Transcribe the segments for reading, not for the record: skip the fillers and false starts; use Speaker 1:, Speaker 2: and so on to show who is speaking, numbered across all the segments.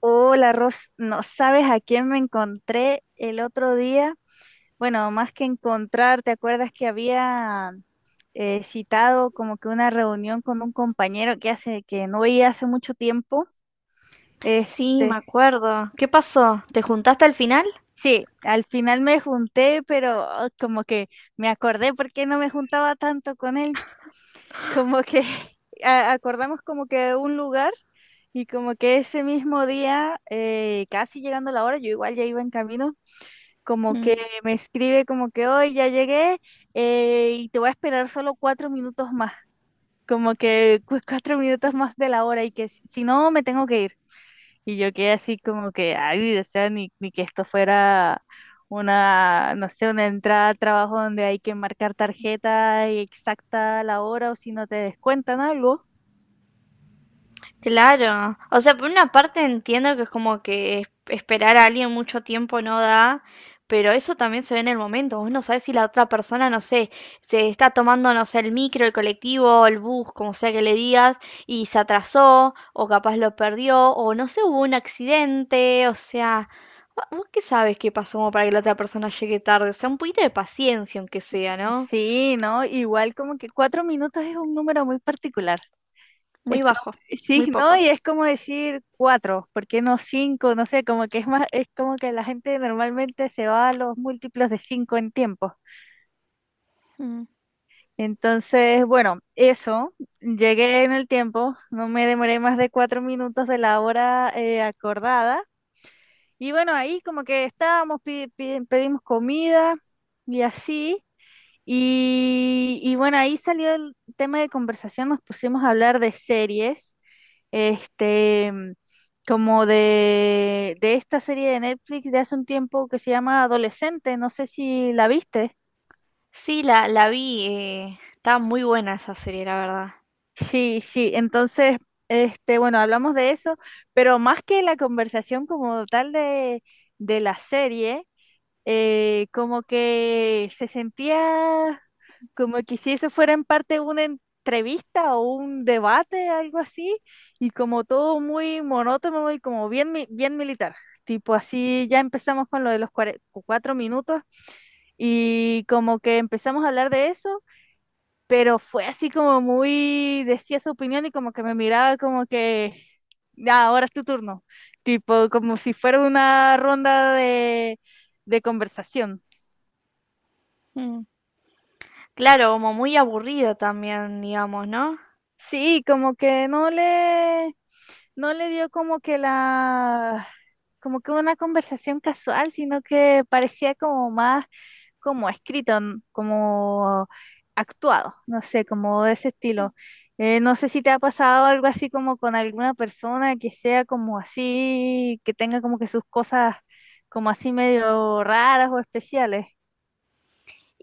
Speaker 1: Hola, Ros, no sabes a quién me encontré el otro día. Bueno, más que encontrar, ¿te acuerdas que había citado como que una reunión con un compañero que hace que no veía hace mucho tiempo?
Speaker 2: Sí,
Speaker 1: Este,
Speaker 2: me acuerdo. ¿Qué pasó? ¿Te juntaste al final?
Speaker 1: sí, al final me junté, pero como que me acordé por qué no me juntaba tanto con él. Como que acordamos como que un lugar y como que ese mismo día, casi llegando la hora, yo igual ya iba en camino como
Speaker 2: Mm,
Speaker 1: que me escribe como que hoy ya llegué, y te voy a esperar solo 4 minutos más, como que 4 minutos más de la hora y que si no me tengo que ir. Y yo quedé así como que, ay, o sea, ni que esto fuera una, no sé, una entrada a trabajo donde hay que marcar tarjeta y exacta la hora o si no te descuentan algo.
Speaker 2: claro. O sea, por una parte entiendo que es como que esperar a alguien mucho tiempo no da, pero eso también se ve en el momento. Vos no sabés si la otra persona, no sé, se está tomando, no sé, el micro, el colectivo, el bus, como sea que le digas, y se atrasó, o capaz lo perdió, o no sé, hubo un accidente, o sea... ¿Vos qué sabes qué pasó como para que la otra persona llegue tarde? O sea, un poquito de paciencia, aunque sea, ¿no?
Speaker 1: Sí, ¿no? Igual como que 4 minutos es un número muy particular. Es
Speaker 2: Muy
Speaker 1: como,
Speaker 2: bajo, muy
Speaker 1: sí, ¿no?
Speaker 2: poco.
Speaker 1: Y es como decir cuatro, ¿por qué no cinco? No sé, como que es más, es como que la gente normalmente se va a los múltiplos de cinco en tiempo.
Speaker 2: Mm.
Speaker 1: Entonces, bueno, eso, llegué en el tiempo, no me demoré más de 4 minutos de la hora acordada. Y bueno, ahí como que estábamos, pedimos comida y así. Y bueno, ahí salió el tema de conversación, nos pusimos a hablar de series, este, mm, como de esta serie de Netflix de hace un tiempo que se llama Adolescente, no sé si la viste.
Speaker 2: Sí, la vi. Está muy buena esa serie, la verdad.
Speaker 1: Sí, sí, entonces, bueno, hablamos de eso, pero más que la conversación como tal de la serie, como que se sentía como que si eso fuera en parte una entrevista o un debate, algo así, y como todo muy monótono y como bien, bien militar. Tipo así, ya empezamos con lo de los 4 minutos y como que empezamos a hablar de eso, pero fue así como muy, decía su opinión y como que me miraba como que, ya, ahora es tu turno, tipo como si fuera una ronda de conversación.
Speaker 2: Mm. Claro, como muy aburrido también, digamos, ¿no?
Speaker 1: Sí, como que no le dio como que como que una conversación casual, sino que parecía como más como escrito, como actuado, no sé, como de ese estilo. No sé si te ha pasado algo así como con alguna persona que sea como así, que tenga como que sus cosas como así medio raras o especiales.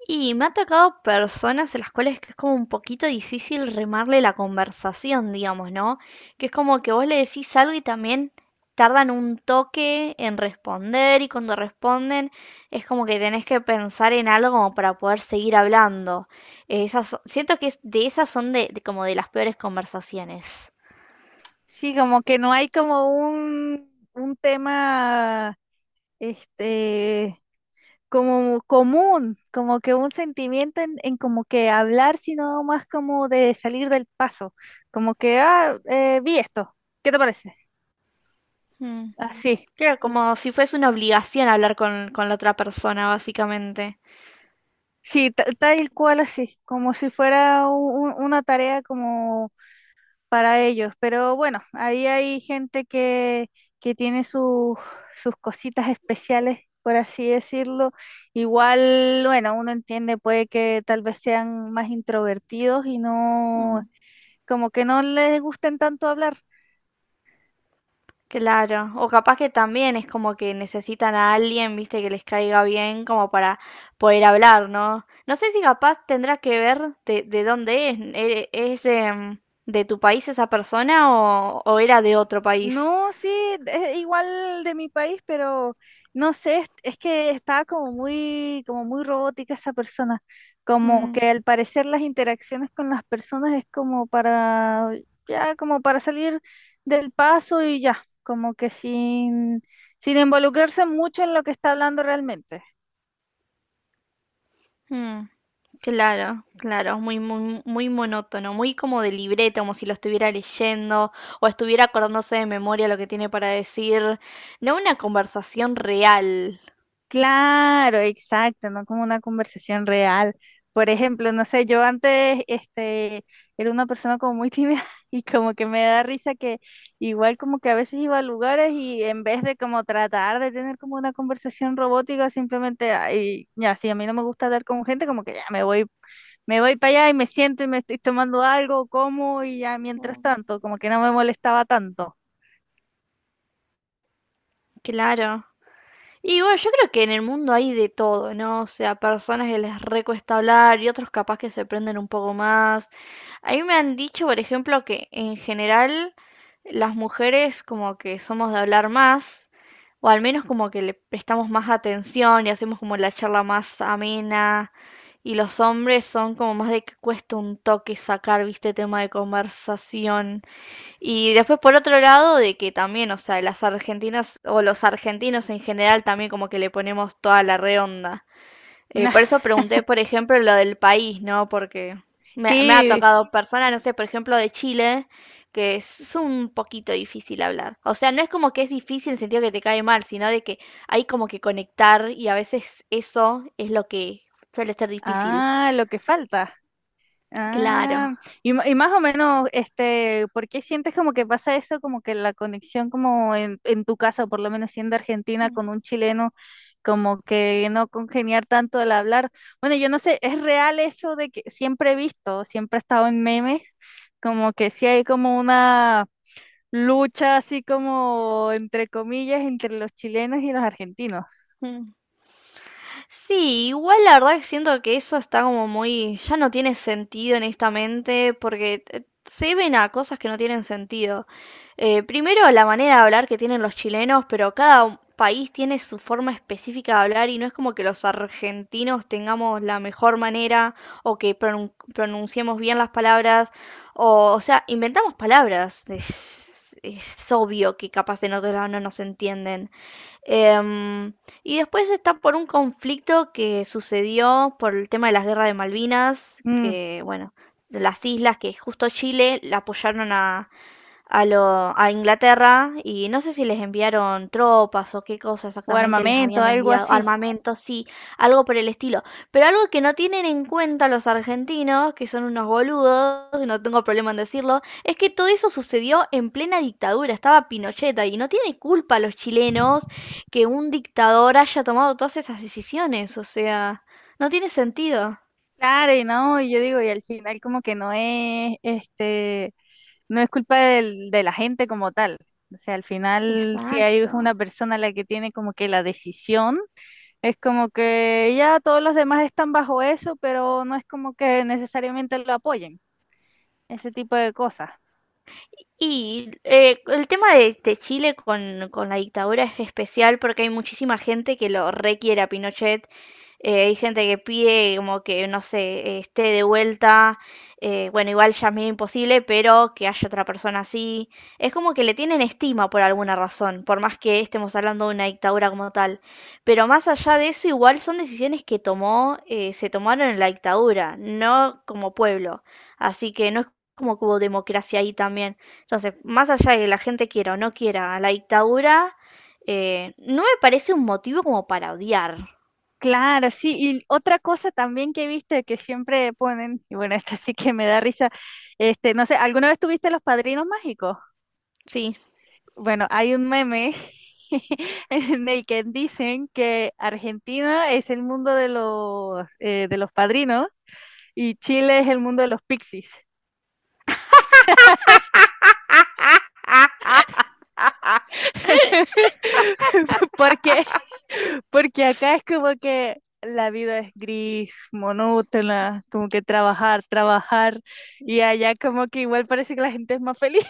Speaker 2: Y me ha tocado personas en las cuales que es como un poquito difícil remarle la conversación, digamos, ¿no? Que es como que vos le decís algo y también tardan un toque en responder y cuando responden es como que tenés que pensar en algo como para poder seguir hablando. Esas, siento que de esas son de como de las peores conversaciones.
Speaker 1: Sí, como que no hay como un tema, este como común, como que un sentimiento en como que hablar, sino más como de salir del paso, como que, vi esto, ¿qué te parece?
Speaker 2: Mm.
Speaker 1: Así,
Speaker 2: Claro, como si fuese una obligación hablar con la otra persona, básicamente.
Speaker 1: sí, tal cual así, como si fuera una tarea como para ellos, pero bueno, ahí hay gente que tiene sus cositas especiales, por así decirlo. Igual, bueno, uno entiende, puede que tal vez sean más introvertidos y no
Speaker 2: Mm.
Speaker 1: como que no les gusten tanto hablar.
Speaker 2: Claro, o capaz que también es como que necesitan a alguien, viste, que les caiga bien como para poder hablar, ¿no? No sé si capaz tendrá que ver de dónde es, ¿es de, mm, de tu país esa persona o era de otro país?
Speaker 1: No, sí, es igual de mi país, pero no sé, es que estaba como muy robótica esa persona, como
Speaker 2: Mm.
Speaker 1: que al parecer las interacciones con las personas es como para, ya, como para salir del paso y ya, como que sin involucrarse mucho en lo que está hablando realmente.
Speaker 2: Mm, claro, claro, muy, muy, muy monótono, muy como de libreta, como si lo estuviera leyendo o estuviera acordándose de memoria lo que tiene para decir, no una conversación real,
Speaker 1: Claro, exacto, no como una conversación real. Por ejemplo, no sé, yo antes era una persona como muy tímida y como que me da risa que igual como que a veces iba a lugares y en vez de como tratar de tener como una conversación robótica, simplemente, ay, ya, si a mí no me gusta hablar con gente, como que ya me voy para allá y me siento y me estoy tomando algo, como y ya mientras tanto, como que no me molestaba tanto.
Speaker 2: claro. Y bueno, yo creo que en el mundo hay de todo, ¿no? O sea, personas que les recuesta hablar y otros capaz que se prenden un poco más. A mí me han dicho, por ejemplo, que en general las mujeres como que somos de hablar más, o al menos como que le prestamos más atención y hacemos como la charla más amena, y los hombres son como más de que cuesta un toque sacar, viste, tema de conversación. Y después por otro lado de que también, o sea, las argentinas o los argentinos en general también como que le ponemos toda la redonda. Por eso pregunté, por ejemplo, lo del país, ¿no? Porque me ha
Speaker 1: Sí,
Speaker 2: tocado personas, no sé, por ejemplo, de Chile, que es un poquito difícil hablar. O sea, no es como que es difícil en el sentido que te cae mal, sino de que hay como que conectar y a veces eso es lo que suele ser difícil.
Speaker 1: ah, lo que falta.
Speaker 2: Claro.
Speaker 1: Ah, y, y más o menos, ¿por qué sientes como que pasa eso? Como que la conexión como en tu caso, por lo menos siendo argentina con un chileno, como que no congeniar tanto al hablar. Bueno, yo no sé, ¿es real eso de que siempre he visto, siempre he estado en memes, como que sí hay como una lucha así como entre comillas entre los chilenos y los argentinos?
Speaker 2: Mm. Sí, igual la verdad que siento que eso está como muy, ya no tiene sentido honestamente, porque se ven a cosas que no tienen sentido. Primero, la manera de hablar que tienen los chilenos, pero país tiene su forma específica de hablar y no es como que los argentinos tengamos la mejor manera o que pronunciemos bien las palabras, o sea, inventamos palabras. Es obvio que capaz en otro lado no nos entienden. Em, y después está por un conflicto que sucedió por el tema de las guerras de Malvinas,
Speaker 1: Mm,
Speaker 2: que bueno, de las islas que justo Chile la apoyaron a Inglaterra y no sé si les enviaron tropas o qué cosa
Speaker 1: o
Speaker 2: exactamente les
Speaker 1: armamento,
Speaker 2: habían
Speaker 1: algo
Speaker 2: enviado,
Speaker 1: así.
Speaker 2: armamento, sí, algo por el estilo. Pero algo que no tienen en cuenta los argentinos, que son unos boludos, y no tengo problema en decirlo, es que todo eso sucedió en plena dictadura, estaba Pinochet ahí, y no tiene culpa los chilenos que un dictador haya tomado todas esas decisiones, o sea, no tiene sentido.
Speaker 1: Claro, y no, y yo digo, y al final como que no es, no es culpa de la gente como tal. O sea, al final si hay
Speaker 2: Exacto.
Speaker 1: una persona la que tiene como que la decisión, es como que ya todos los demás están bajo eso, pero no es como que necesariamente lo apoyen, ese tipo de cosas.
Speaker 2: Y el tema de Chile con la dictadura es especial porque hay muchísima gente que lo requiere a Pinochet. Hay gente que pide como que, no sé, esté de vuelta. Bueno, igual ya es medio imposible, pero que haya otra persona así. Es como que le tienen estima por alguna razón, por más que estemos hablando de una dictadura como tal. Pero más allá de eso, igual son decisiones que tomó, se tomaron en la dictadura, no como pueblo. Así que no es como que hubo democracia ahí también. Entonces, más allá de que la gente quiera o no quiera a la dictadura, no me parece un motivo como para odiar.
Speaker 1: Claro, sí, y otra cosa también que viste que siempre ponen, y bueno, esta sí que me da risa, no sé, ¿alguna vez tuviste los padrinos mágicos?
Speaker 2: Sí.
Speaker 1: Bueno, hay un meme en el que dicen que Argentina es el mundo de los padrinos y Chile es el mundo de los pixies. Porque, porque acá es como que la vida es gris, monótona, como que trabajar, trabajar, y allá como que igual parece que la gente es más feliz.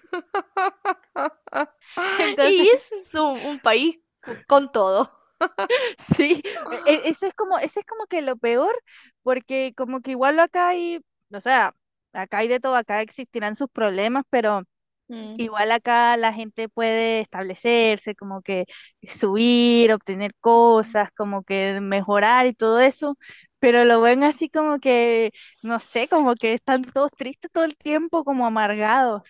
Speaker 1: Entonces,
Speaker 2: Y es un país con todo.
Speaker 1: sí, eso es como que lo peor, porque como que igual acá hay, o sea, acá hay de todo, acá existirán sus problemas, pero
Speaker 2: Mm,
Speaker 1: igual acá la gente puede establecerse, como que subir, obtener
Speaker 2: mm.
Speaker 1: cosas, como que mejorar y todo eso, pero lo ven así como que, no sé, como que están todos tristes todo el tiempo, como amargados.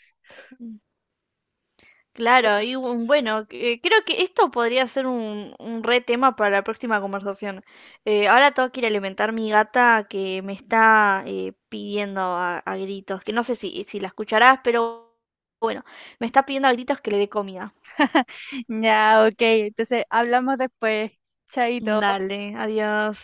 Speaker 2: Claro, y bueno, creo que esto podría ser un re tema para la próxima conversación. Ahora tengo que ir a alimentar mi gata que me está pidiendo a gritos, que no sé si la escucharás, pero me está pidiendo a gritos que le dé comida.
Speaker 1: Ya, ok, entonces hablamos después, chaito.
Speaker 2: Dale, adiós.